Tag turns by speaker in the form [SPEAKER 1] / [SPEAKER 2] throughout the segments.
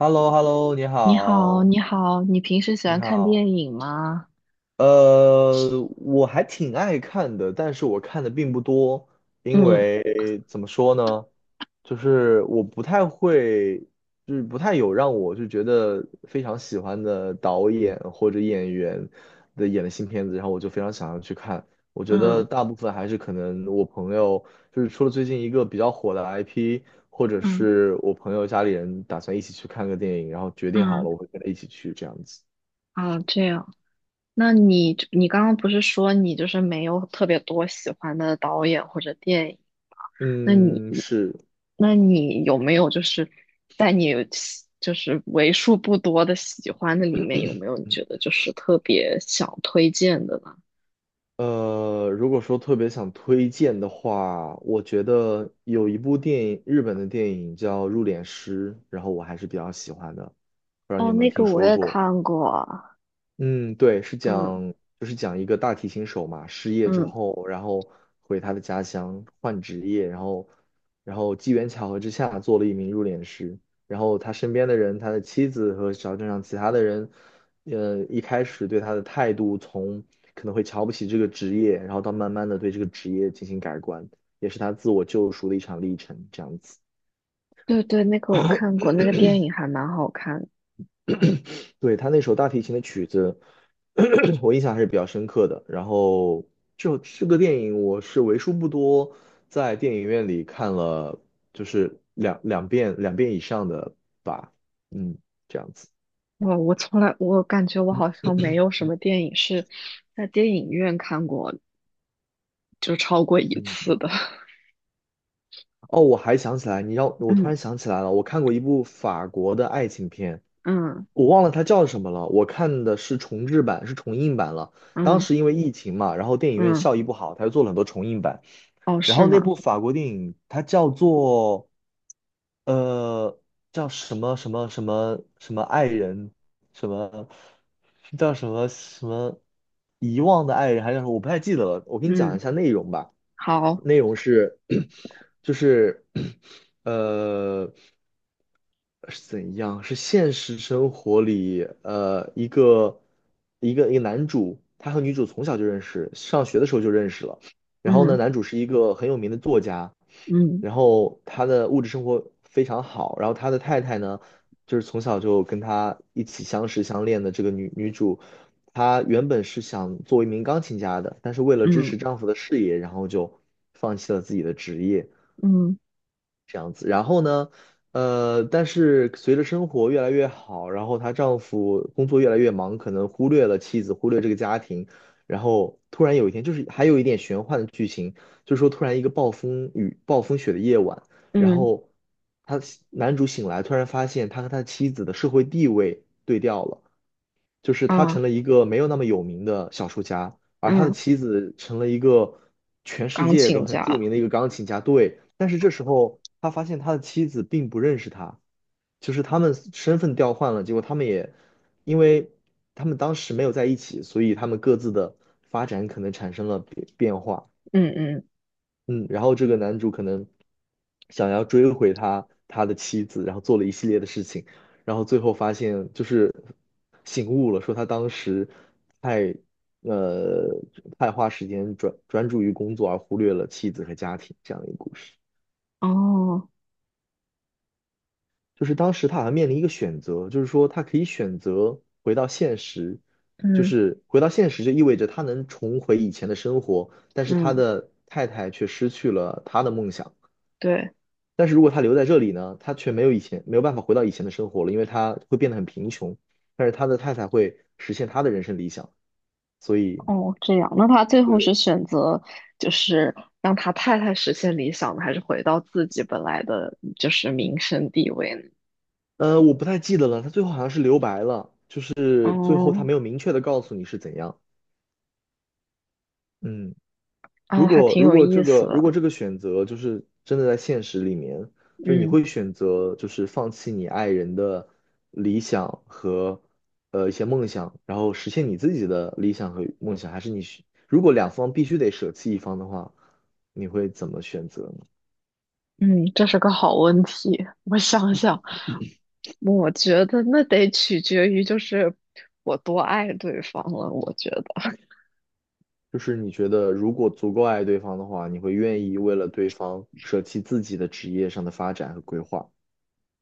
[SPEAKER 1] h e l l o h e l l o 你
[SPEAKER 2] 你好，
[SPEAKER 1] 好，
[SPEAKER 2] 你好，你平时喜
[SPEAKER 1] 你
[SPEAKER 2] 欢看
[SPEAKER 1] 好，
[SPEAKER 2] 电影吗？
[SPEAKER 1] 呃，我还挺爱看的，但是我看的并不多，因
[SPEAKER 2] 嗯
[SPEAKER 1] 为怎么说呢，就是我不太会，就是不太有让我就觉得非常喜欢的导演或者演员的演的新片子，然后我就非常想要去看。我觉得
[SPEAKER 2] 嗯
[SPEAKER 1] 大部分还是可能我朋友，就是除了最近一个比较火的 IP，或者
[SPEAKER 2] 嗯
[SPEAKER 1] 是我朋友家里人打算一起去看个电影，然后决定好
[SPEAKER 2] 嗯，
[SPEAKER 1] 了我会跟他一起去这样子。
[SPEAKER 2] 啊，这样。那你刚刚不是说你就是没有特别多喜欢的导演或者电影？那你
[SPEAKER 1] 嗯，是。
[SPEAKER 2] 有没有就是在你就是为数不多的喜欢的里面，有没有你觉得就是特别想推荐的呢？
[SPEAKER 1] 如果说特别想推荐的话，我觉得有一部电影，日本的电影叫《入殓师》，然后我还是比较喜欢的，不知道你
[SPEAKER 2] 哦，
[SPEAKER 1] 有没
[SPEAKER 2] 那
[SPEAKER 1] 有
[SPEAKER 2] 个
[SPEAKER 1] 听
[SPEAKER 2] 我
[SPEAKER 1] 说
[SPEAKER 2] 也
[SPEAKER 1] 过？
[SPEAKER 2] 看过，
[SPEAKER 1] 嗯，对，是
[SPEAKER 2] 嗯
[SPEAKER 1] 讲就是讲一个大提琴手嘛，失业之
[SPEAKER 2] 嗯，
[SPEAKER 1] 后，然后回他的家乡换职业，然后机缘巧合之下做了一名入殓师，然后他身边的人，他的妻子和小镇上其他的人，一开始对他的态度从可能会瞧不起这个职业，然后到慢慢的对这个职业进行改观，也是他自我救赎的一场历程，这样子。
[SPEAKER 2] 对对，那个我看过，那个电影还蛮好看的。
[SPEAKER 1] 对，他那首大提琴的曲子，我印象还是比较深刻的。然后就这个电影，我是为数不多在电影院里看了，就是两遍两遍以上的吧。嗯，这样子。
[SPEAKER 2] 哇，我从来，我感觉我好像没有什么电影是在电影院看过，就超过一
[SPEAKER 1] 嗯，
[SPEAKER 2] 次的。
[SPEAKER 1] 哦，我还想起来，你让我突
[SPEAKER 2] 嗯
[SPEAKER 1] 然想起来了，我看过一部法国的爱情片，
[SPEAKER 2] 嗯
[SPEAKER 1] 我忘了它叫什么了。我看的是重制版，是重映版了。当
[SPEAKER 2] 嗯
[SPEAKER 1] 时因为疫情嘛，然后电影院
[SPEAKER 2] 嗯，
[SPEAKER 1] 效益不好，他又做了很多重映版。
[SPEAKER 2] 哦，
[SPEAKER 1] 然
[SPEAKER 2] 是
[SPEAKER 1] 后那
[SPEAKER 2] 吗？
[SPEAKER 1] 部法国电影它叫做呃叫什么什么什么什么爱人，什么叫什么什么遗忘的爱人，还是什么我不太记得了。我给你讲一
[SPEAKER 2] 嗯，
[SPEAKER 1] 下内容吧。
[SPEAKER 2] 好，
[SPEAKER 1] 内容是 就是呃是怎样？是现实生活里一个男主，他和女主从小就认识，上学的时候就认识了。然后呢，
[SPEAKER 2] 嗯
[SPEAKER 1] 男主是一个很有名的作家，
[SPEAKER 2] 嗯
[SPEAKER 1] 然后他的物质生活非常好，然后他的太太呢，就是从小就跟他一起相识相恋的这个女主，她原本是想做一名钢琴家的，但是为了支持
[SPEAKER 2] 嗯
[SPEAKER 1] 丈夫的事业，然后就放弃了自己的职业。
[SPEAKER 2] 嗯
[SPEAKER 1] 这样子。然后呢，但是随着生活越来越好，然后她丈夫工作越来越忙，可能忽略了妻子，忽略这个家庭。然后突然有一天，就是还有一点玄幻的剧情，就是说突然一个暴风雨、暴风雪的夜晚，然
[SPEAKER 2] 嗯
[SPEAKER 1] 后他男主醒来，突然发现他和他妻子的社会地位对调了。就是他
[SPEAKER 2] 啊
[SPEAKER 1] 成了一个没有那么有名的小说家，而他的
[SPEAKER 2] 嗯，
[SPEAKER 1] 妻子成了一个全世
[SPEAKER 2] 钢
[SPEAKER 1] 界都
[SPEAKER 2] 琴
[SPEAKER 1] 很著
[SPEAKER 2] 家，
[SPEAKER 1] 名的一个钢琴家。对，但是这时候他发现他的妻子并不认识他，就是他们身份调换了，结果他们也因为他们当时没有在一起，所以他们各自的发展可能产生了变化。
[SPEAKER 2] 嗯嗯，
[SPEAKER 1] 嗯，然后这个男主可能想要追回他的妻子，然后做了一系列的事情，然后最后发现就是醒悟了，说他当时太呃太花时间专注于工作，而忽略了妻子和家庭这样的一个故事。
[SPEAKER 2] 哦，
[SPEAKER 1] 就是当时他好像面临一个选择，就是说他可以选择回到现实，就
[SPEAKER 2] 嗯
[SPEAKER 1] 是回到现实就意味着他能重回以前的生活，但是他
[SPEAKER 2] 嗯，
[SPEAKER 1] 的太太却失去了他的梦想。
[SPEAKER 2] 对，
[SPEAKER 1] 但是如果他留在这里呢，他却没有办法回到以前的生活了，因为他会变得很贫穷。但是他的太太会实现他的人生理想，所以
[SPEAKER 2] 哦，这样，那他最后是
[SPEAKER 1] 对，
[SPEAKER 2] 选择就是让他太太实现理想呢，还是回到自己本来的就是名声地位呢？
[SPEAKER 1] 我不太记得了，他最后好像是留白了，就是最后他
[SPEAKER 2] 哦。
[SPEAKER 1] 没有明确的告诉你是怎样。嗯。如
[SPEAKER 2] 啊，还
[SPEAKER 1] 果
[SPEAKER 2] 挺
[SPEAKER 1] 如
[SPEAKER 2] 有
[SPEAKER 1] 果
[SPEAKER 2] 意
[SPEAKER 1] 这
[SPEAKER 2] 思
[SPEAKER 1] 个如果
[SPEAKER 2] 的。
[SPEAKER 1] 这个选择就是真的在现实里面，就是你
[SPEAKER 2] 嗯
[SPEAKER 1] 会选择就是放弃你爱人的理想和一些梦想，然后实现你自己的理想和梦想，还是如果两方必须得舍弃一方的话，你会怎么选择呢？
[SPEAKER 2] 嗯，这是个好问题。我想想，我觉得那得取决于就是我多爱对方了。我觉得
[SPEAKER 1] 就是你觉得如果足够爱对方的话，你会愿意为了对方舍弃自己的职业上的发展和规划？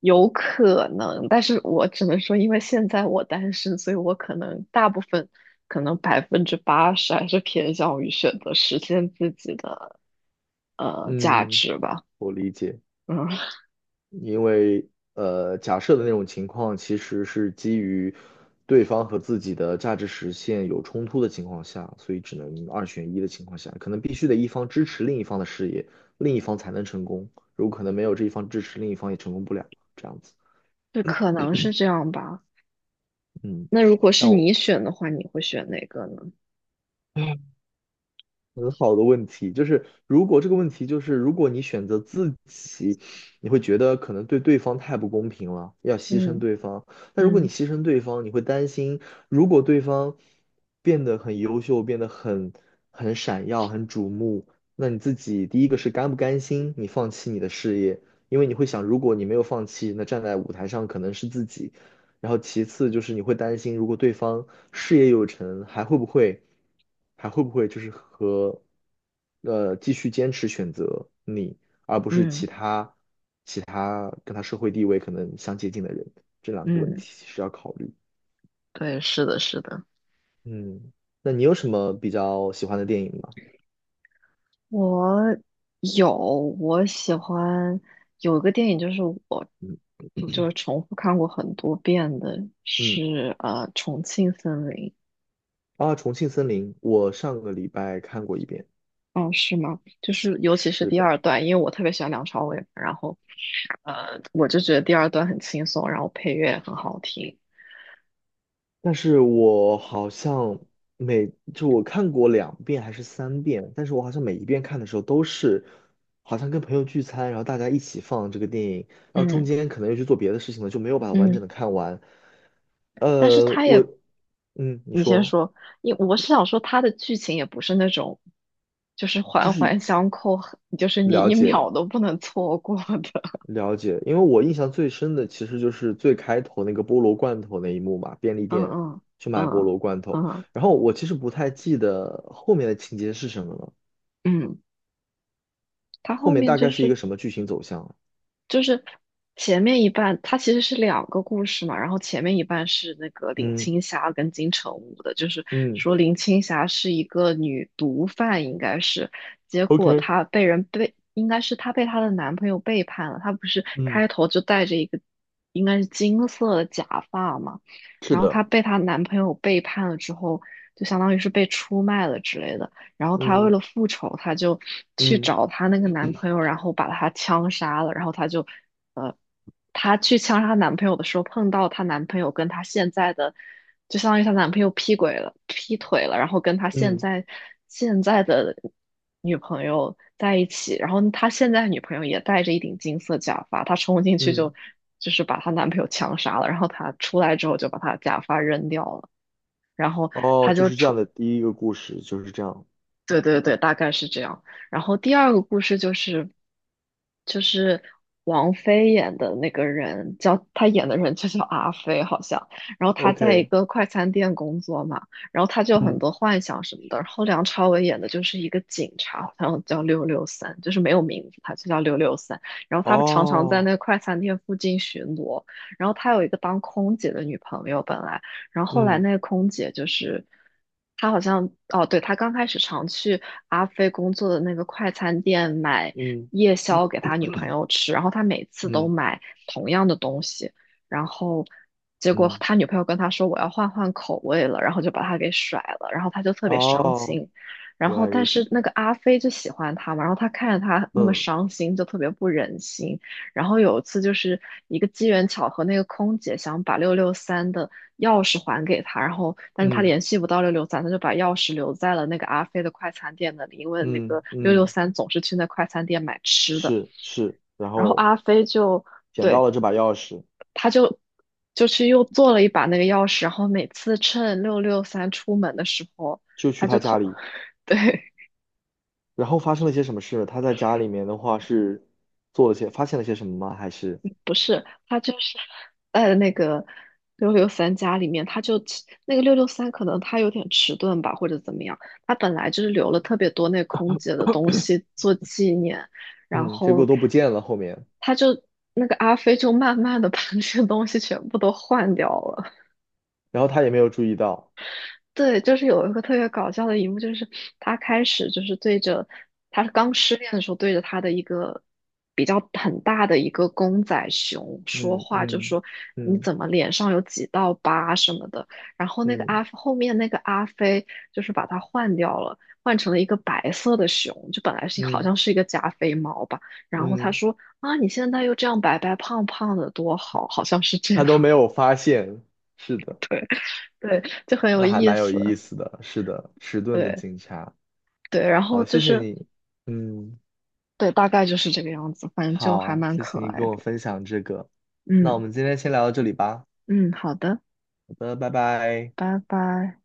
[SPEAKER 2] 有可能，但是我只能说，因为现在我单身，所以我可能大部分，可能80%还是偏向于选择实现自己的价
[SPEAKER 1] 嗯，
[SPEAKER 2] 值吧。
[SPEAKER 1] 我理解。
[SPEAKER 2] 嗯，
[SPEAKER 1] 因为假设的那种情况其实是基于对方和自己的价值实现有冲突的情况下，所以只能二选一的情况下，可能必须得一方支持另一方的事业，另一方才能成功。如果可能没有这一方支持，另一方也成功不了，这样子。
[SPEAKER 2] 就可能是这样吧。
[SPEAKER 1] 嗯，
[SPEAKER 2] 那如果是
[SPEAKER 1] 但我。
[SPEAKER 2] 你选的话，你会选哪个呢？
[SPEAKER 1] 很好的问题，就是如果这个问题就是，如果你选择自己，你会觉得可能对对方太不公平了，要牺牲
[SPEAKER 2] 嗯
[SPEAKER 1] 对方。但如果你
[SPEAKER 2] 嗯
[SPEAKER 1] 牺牲对方，你会担心，如果对方变得很优秀，变得很闪耀、很瞩目，那你自己第一个是甘不甘心你放弃你的事业？因为你会想，如果你没有放弃，那站在舞台上可能是自己；然后其次就是你会担心，如果对方事业有成，还会不会，就是和，继续坚持选择你，而不是
[SPEAKER 2] 嗯
[SPEAKER 1] 其他跟他社会地位可能相接近的人，这两个问
[SPEAKER 2] 嗯。
[SPEAKER 1] 题是要考虑。
[SPEAKER 2] 对，是的，是的，
[SPEAKER 1] 嗯，那你有什么比较喜欢的电影吗？
[SPEAKER 2] 我有，我喜欢有一个电影，就是我
[SPEAKER 1] 嗯
[SPEAKER 2] 就是重复看过很多遍的，
[SPEAKER 1] 嗯，
[SPEAKER 2] 是《重庆森林》。
[SPEAKER 1] 啊，《重庆森林》，我上个礼拜看过一遍。
[SPEAKER 2] 哦，是吗？就是尤其是
[SPEAKER 1] 是
[SPEAKER 2] 第
[SPEAKER 1] 的。
[SPEAKER 2] 二段，因为我特别喜欢梁朝伟，然后我就觉得第二段很轻松，然后配乐也很好听。
[SPEAKER 1] 但是我好像就我看过两遍还是三遍，但是我好像每一遍看的时候都是，好像跟朋友聚餐，然后大家一起放这个电影，然后中
[SPEAKER 2] 嗯
[SPEAKER 1] 间可能又去做别的事情了，就没有把它完整
[SPEAKER 2] 嗯，
[SPEAKER 1] 的看完。
[SPEAKER 2] 但是
[SPEAKER 1] 呃，
[SPEAKER 2] 他
[SPEAKER 1] 我，
[SPEAKER 2] 也
[SPEAKER 1] 嗯，你
[SPEAKER 2] 你先
[SPEAKER 1] 说，
[SPEAKER 2] 说，我是想说它的剧情也不是那种，就是
[SPEAKER 1] 就
[SPEAKER 2] 环
[SPEAKER 1] 是
[SPEAKER 2] 环相扣，就是你
[SPEAKER 1] 了
[SPEAKER 2] 一
[SPEAKER 1] 解
[SPEAKER 2] 秒都不能错过的。
[SPEAKER 1] 了解，因为我印象最深的其实就是最开头那个菠萝罐头那一幕嘛，便利
[SPEAKER 2] 嗯
[SPEAKER 1] 店
[SPEAKER 2] 嗯
[SPEAKER 1] 去买菠
[SPEAKER 2] 嗯
[SPEAKER 1] 萝罐头，
[SPEAKER 2] 嗯
[SPEAKER 1] 然后我其实不太记得后面的情节是什么了。
[SPEAKER 2] 嗯，它
[SPEAKER 1] 后
[SPEAKER 2] 后
[SPEAKER 1] 面
[SPEAKER 2] 面
[SPEAKER 1] 大
[SPEAKER 2] 就
[SPEAKER 1] 概是一
[SPEAKER 2] 是
[SPEAKER 1] 个什么剧情走向？
[SPEAKER 2] 就是前面一半，它其实是两个故事嘛，然后前面一半是那个林
[SPEAKER 1] 嗯
[SPEAKER 2] 青霞跟金城武的，就是
[SPEAKER 1] 嗯
[SPEAKER 2] 说林青霞是一个女毒贩，应该是，结果
[SPEAKER 1] ，OK，
[SPEAKER 2] 她被人背，应该是她被她的男朋友背叛了，她不是
[SPEAKER 1] 嗯，
[SPEAKER 2] 开头就戴着一个应该是金色的假发嘛，
[SPEAKER 1] 是
[SPEAKER 2] 然后她
[SPEAKER 1] 的，
[SPEAKER 2] 被她男朋友背叛了之后，就相当于是被出卖了之类的。然后她为
[SPEAKER 1] 嗯
[SPEAKER 2] 了复仇，她就去
[SPEAKER 1] 嗯
[SPEAKER 2] 找她那个男朋友，然后把他枪杀了，呃，她去枪杀她男朋友的时候，碰到她男朋友跟她现在的，就相当于她男朋友劈鬼了，劈腿了，然后跟她现
[SPEAKER 1] 嗯
[SPEAKER 2] 在的女朋友在一起，然后她现在女朋友也戴着一顶金色假发，她冲进去
[SPEAKER 1] 嗯，
[SPEAKER 2] 就是把她男朋友枪杀了，然后她出来之后就把她假发扔掉了。然后
[SPEAKER 1] 哦，
[SPEAKER 2] 她
[SPEAKER 1] 就
[SPEAKER 2] 就
[SPEAKER 1] 是这
[SPEAKER 2] 出
[SPEAKER 1] 样的第一个故事就是这样
[SPEAKER 2] 对对对，大概是这样。然后第二个故事就是，就是王菲演的那个人叫她演的人就叫阿飞好像。然后她在一
[SPEAKER 1] ，OK，
[SPEAKER 2] 个快餐店工作嘛，然后她就有很
[SPEAKER 1] 嗯，
[SPEAKER 2] 多幻想什么的。然后梁朝伟演的就是一个警察，好像叫六六三，就是没有名字，他就叫六六三。然后他常常在那个
[SPEAKER 1] 哦，
[SPEAKER 2] 快餐店附近巡逻。然后他有一个当空姐的女朋友，本来。然后后来
[SPEAKER 1] 嗯
[SPEAKER 2] 那个空姐就是，她好像哦，对，她刚开始常去阿飞工作的那个快餐店买
[SPEAKER 1] 嗯
[SPEAKER 2] 夜
[SPEAKER 1] 嗯
[SPEAKER 2] 宵给他女朋友吃，然后他每次都
[SPEAKER 1] 嗯
[SPEAKER 2] 买同样的东西，然后结果
[SPEAKER 1] 嗯，
[SPEAKER 2] 他女朋友跟他说我要换换口味了，然后就把他给甩了，然后他就特别伤
[SPEAKER 1] 哦，
[SPEAKER 2] 心。然
[SPEAKER 1] 原来
[SPEAKER 2] 后，但
[SPEAKER 1] 如
[SPEAKER 2] 是
[SPEAKER 1] 此，
[SPEAKER 2] 那个阿飞就喜欢他嘛，然后他看着他那么
[SPEAKER 1] 嗯
[SPEAKER 2] 伤心，就特别不忍心，然后有一次就是一个机缘巧合，那个空姐想把六六三的钥匙还给他，然后但是他
[SPEAKER 1] 嗯
[SPEAKER 2] 联系不到六六三，他就把钥匙留在了那个阿飞的快餐店那里，因为那个
[SPEAKER 1] 嗯
[SPEAKER 2] 六六
[SPEAKER 1] 嗯，
[SPEAKER 2] 三总是去那快餐店买吃的。
[SPEAKER 1] 是是，然
[SPEAKER 2] 然后
[SPEAKER 1] 后
[SPEAKER 2] 阿飞就
[SPEAKER 1] 捡
[SPEAKER 2] 对，
[SPEAKER 1] 到了这把钥匙，
[SPEAKER 2] 他就去又做了一把那个钥匙，然后每次趁六六三出门的时候，
[SPEAKER 1] 就
[SPEAKER 2] 他
[SPEAKER 1] 去
[SPEAKER 2] 就
[SPEAKER 1] 他家
[SPEAKER 2] 偷
[SPEAKER 1] 里，
[SPEAKER 2] 对，
[SPEAKER 1] 然后发生了些什么事？他在家里面的话是做了些，发现了些什么吗？还是？
[SPEAKER 2] 不是，他就是在那个六六三家里面，他就迟那个六六三可能他有点迟钝吧，或者怎么样，他本来就是留了特别多那空姐的东西做纪念，然
[SPEAKER 1] 嗯，结果
[SPEAKER 2] 后
[SPEAKER 1] 都不见了后面，
[SPEAKER 2] 他就那个阿飞就慢慢的把那些东西全部都换掉了。
[SPEAKER 1] 然后他也没有注意到，
[SPEAKER 2] 对，就是有一个特别搞笑的一幕，就是他开始就是对着他刚失恋的时候，对着他的一个比较很大的一个公仔熊说
[SPEAKER 1] 嗯
[SPEAKER 2] 话，就
[SPEAKER 1] 嗯
[SPEAKER 2] 说你
[SPEAKER 1] 嗯
[SPEAKER 2] 怎么脸上有几道疤什么的。然后那个
[SPEAKER 1] 嗯
[SPEAKER 2] 后面那个阿飞就是把它换掉了，换成了一个白色的熊，就本来是好
[SPEAKER 1] 嗯
[SPEAKER 2] 像是一个加菲猫吧。然后他
[SPEAKER 1] 嗯，
[SPEAKER 2] 说啊，你现在又这样白白胖胖的，多好，好像是这样，
[SPEAKER 1] 他都没有发现，是 的，
[SPEAKER 2] 对对，就很有
[SPEAKER 1] 那还
[SPEAKER 2] 意
[SPEAKER 1] 蛮有意
[SPEAKER 2] 思。
[SPEAKER 1] 思的，是的，迟钝的
[SPEAKER 2] 对
[SPEAKER 1] 警察，
[SPEAKER 2] 对，然后
[SPEAKER 1] 好，
[SPEAKER 2] 就
[SPEAKER 1] 谢谢
[SPEAKER 2] 是
[SPEAKER 1] 你，嗯，
[SPEAKER 2] 对，大概就是这个样子，反正就还
[SPEAKER 1] 好，
[SPEAKER 2] 蛮
[SPEAKER 1] 谢
[SPEAKER 2] 可
[SPEAKER 1] 谢你
[SPEAKER 2] 爱
[SPEAKER 1] 跟我
[SPEAKER 2] 的。
[SPEAKER 1] 分享这个，那我
[SPEAKER 2] 嗯
[SPEAKER 1] 们今天先聊到这里吧，
[SPEAKER 2] 嗯，好的，
[SPEAKER 1] 好的，拜拜。
[SPEAKER 2] 拜拜。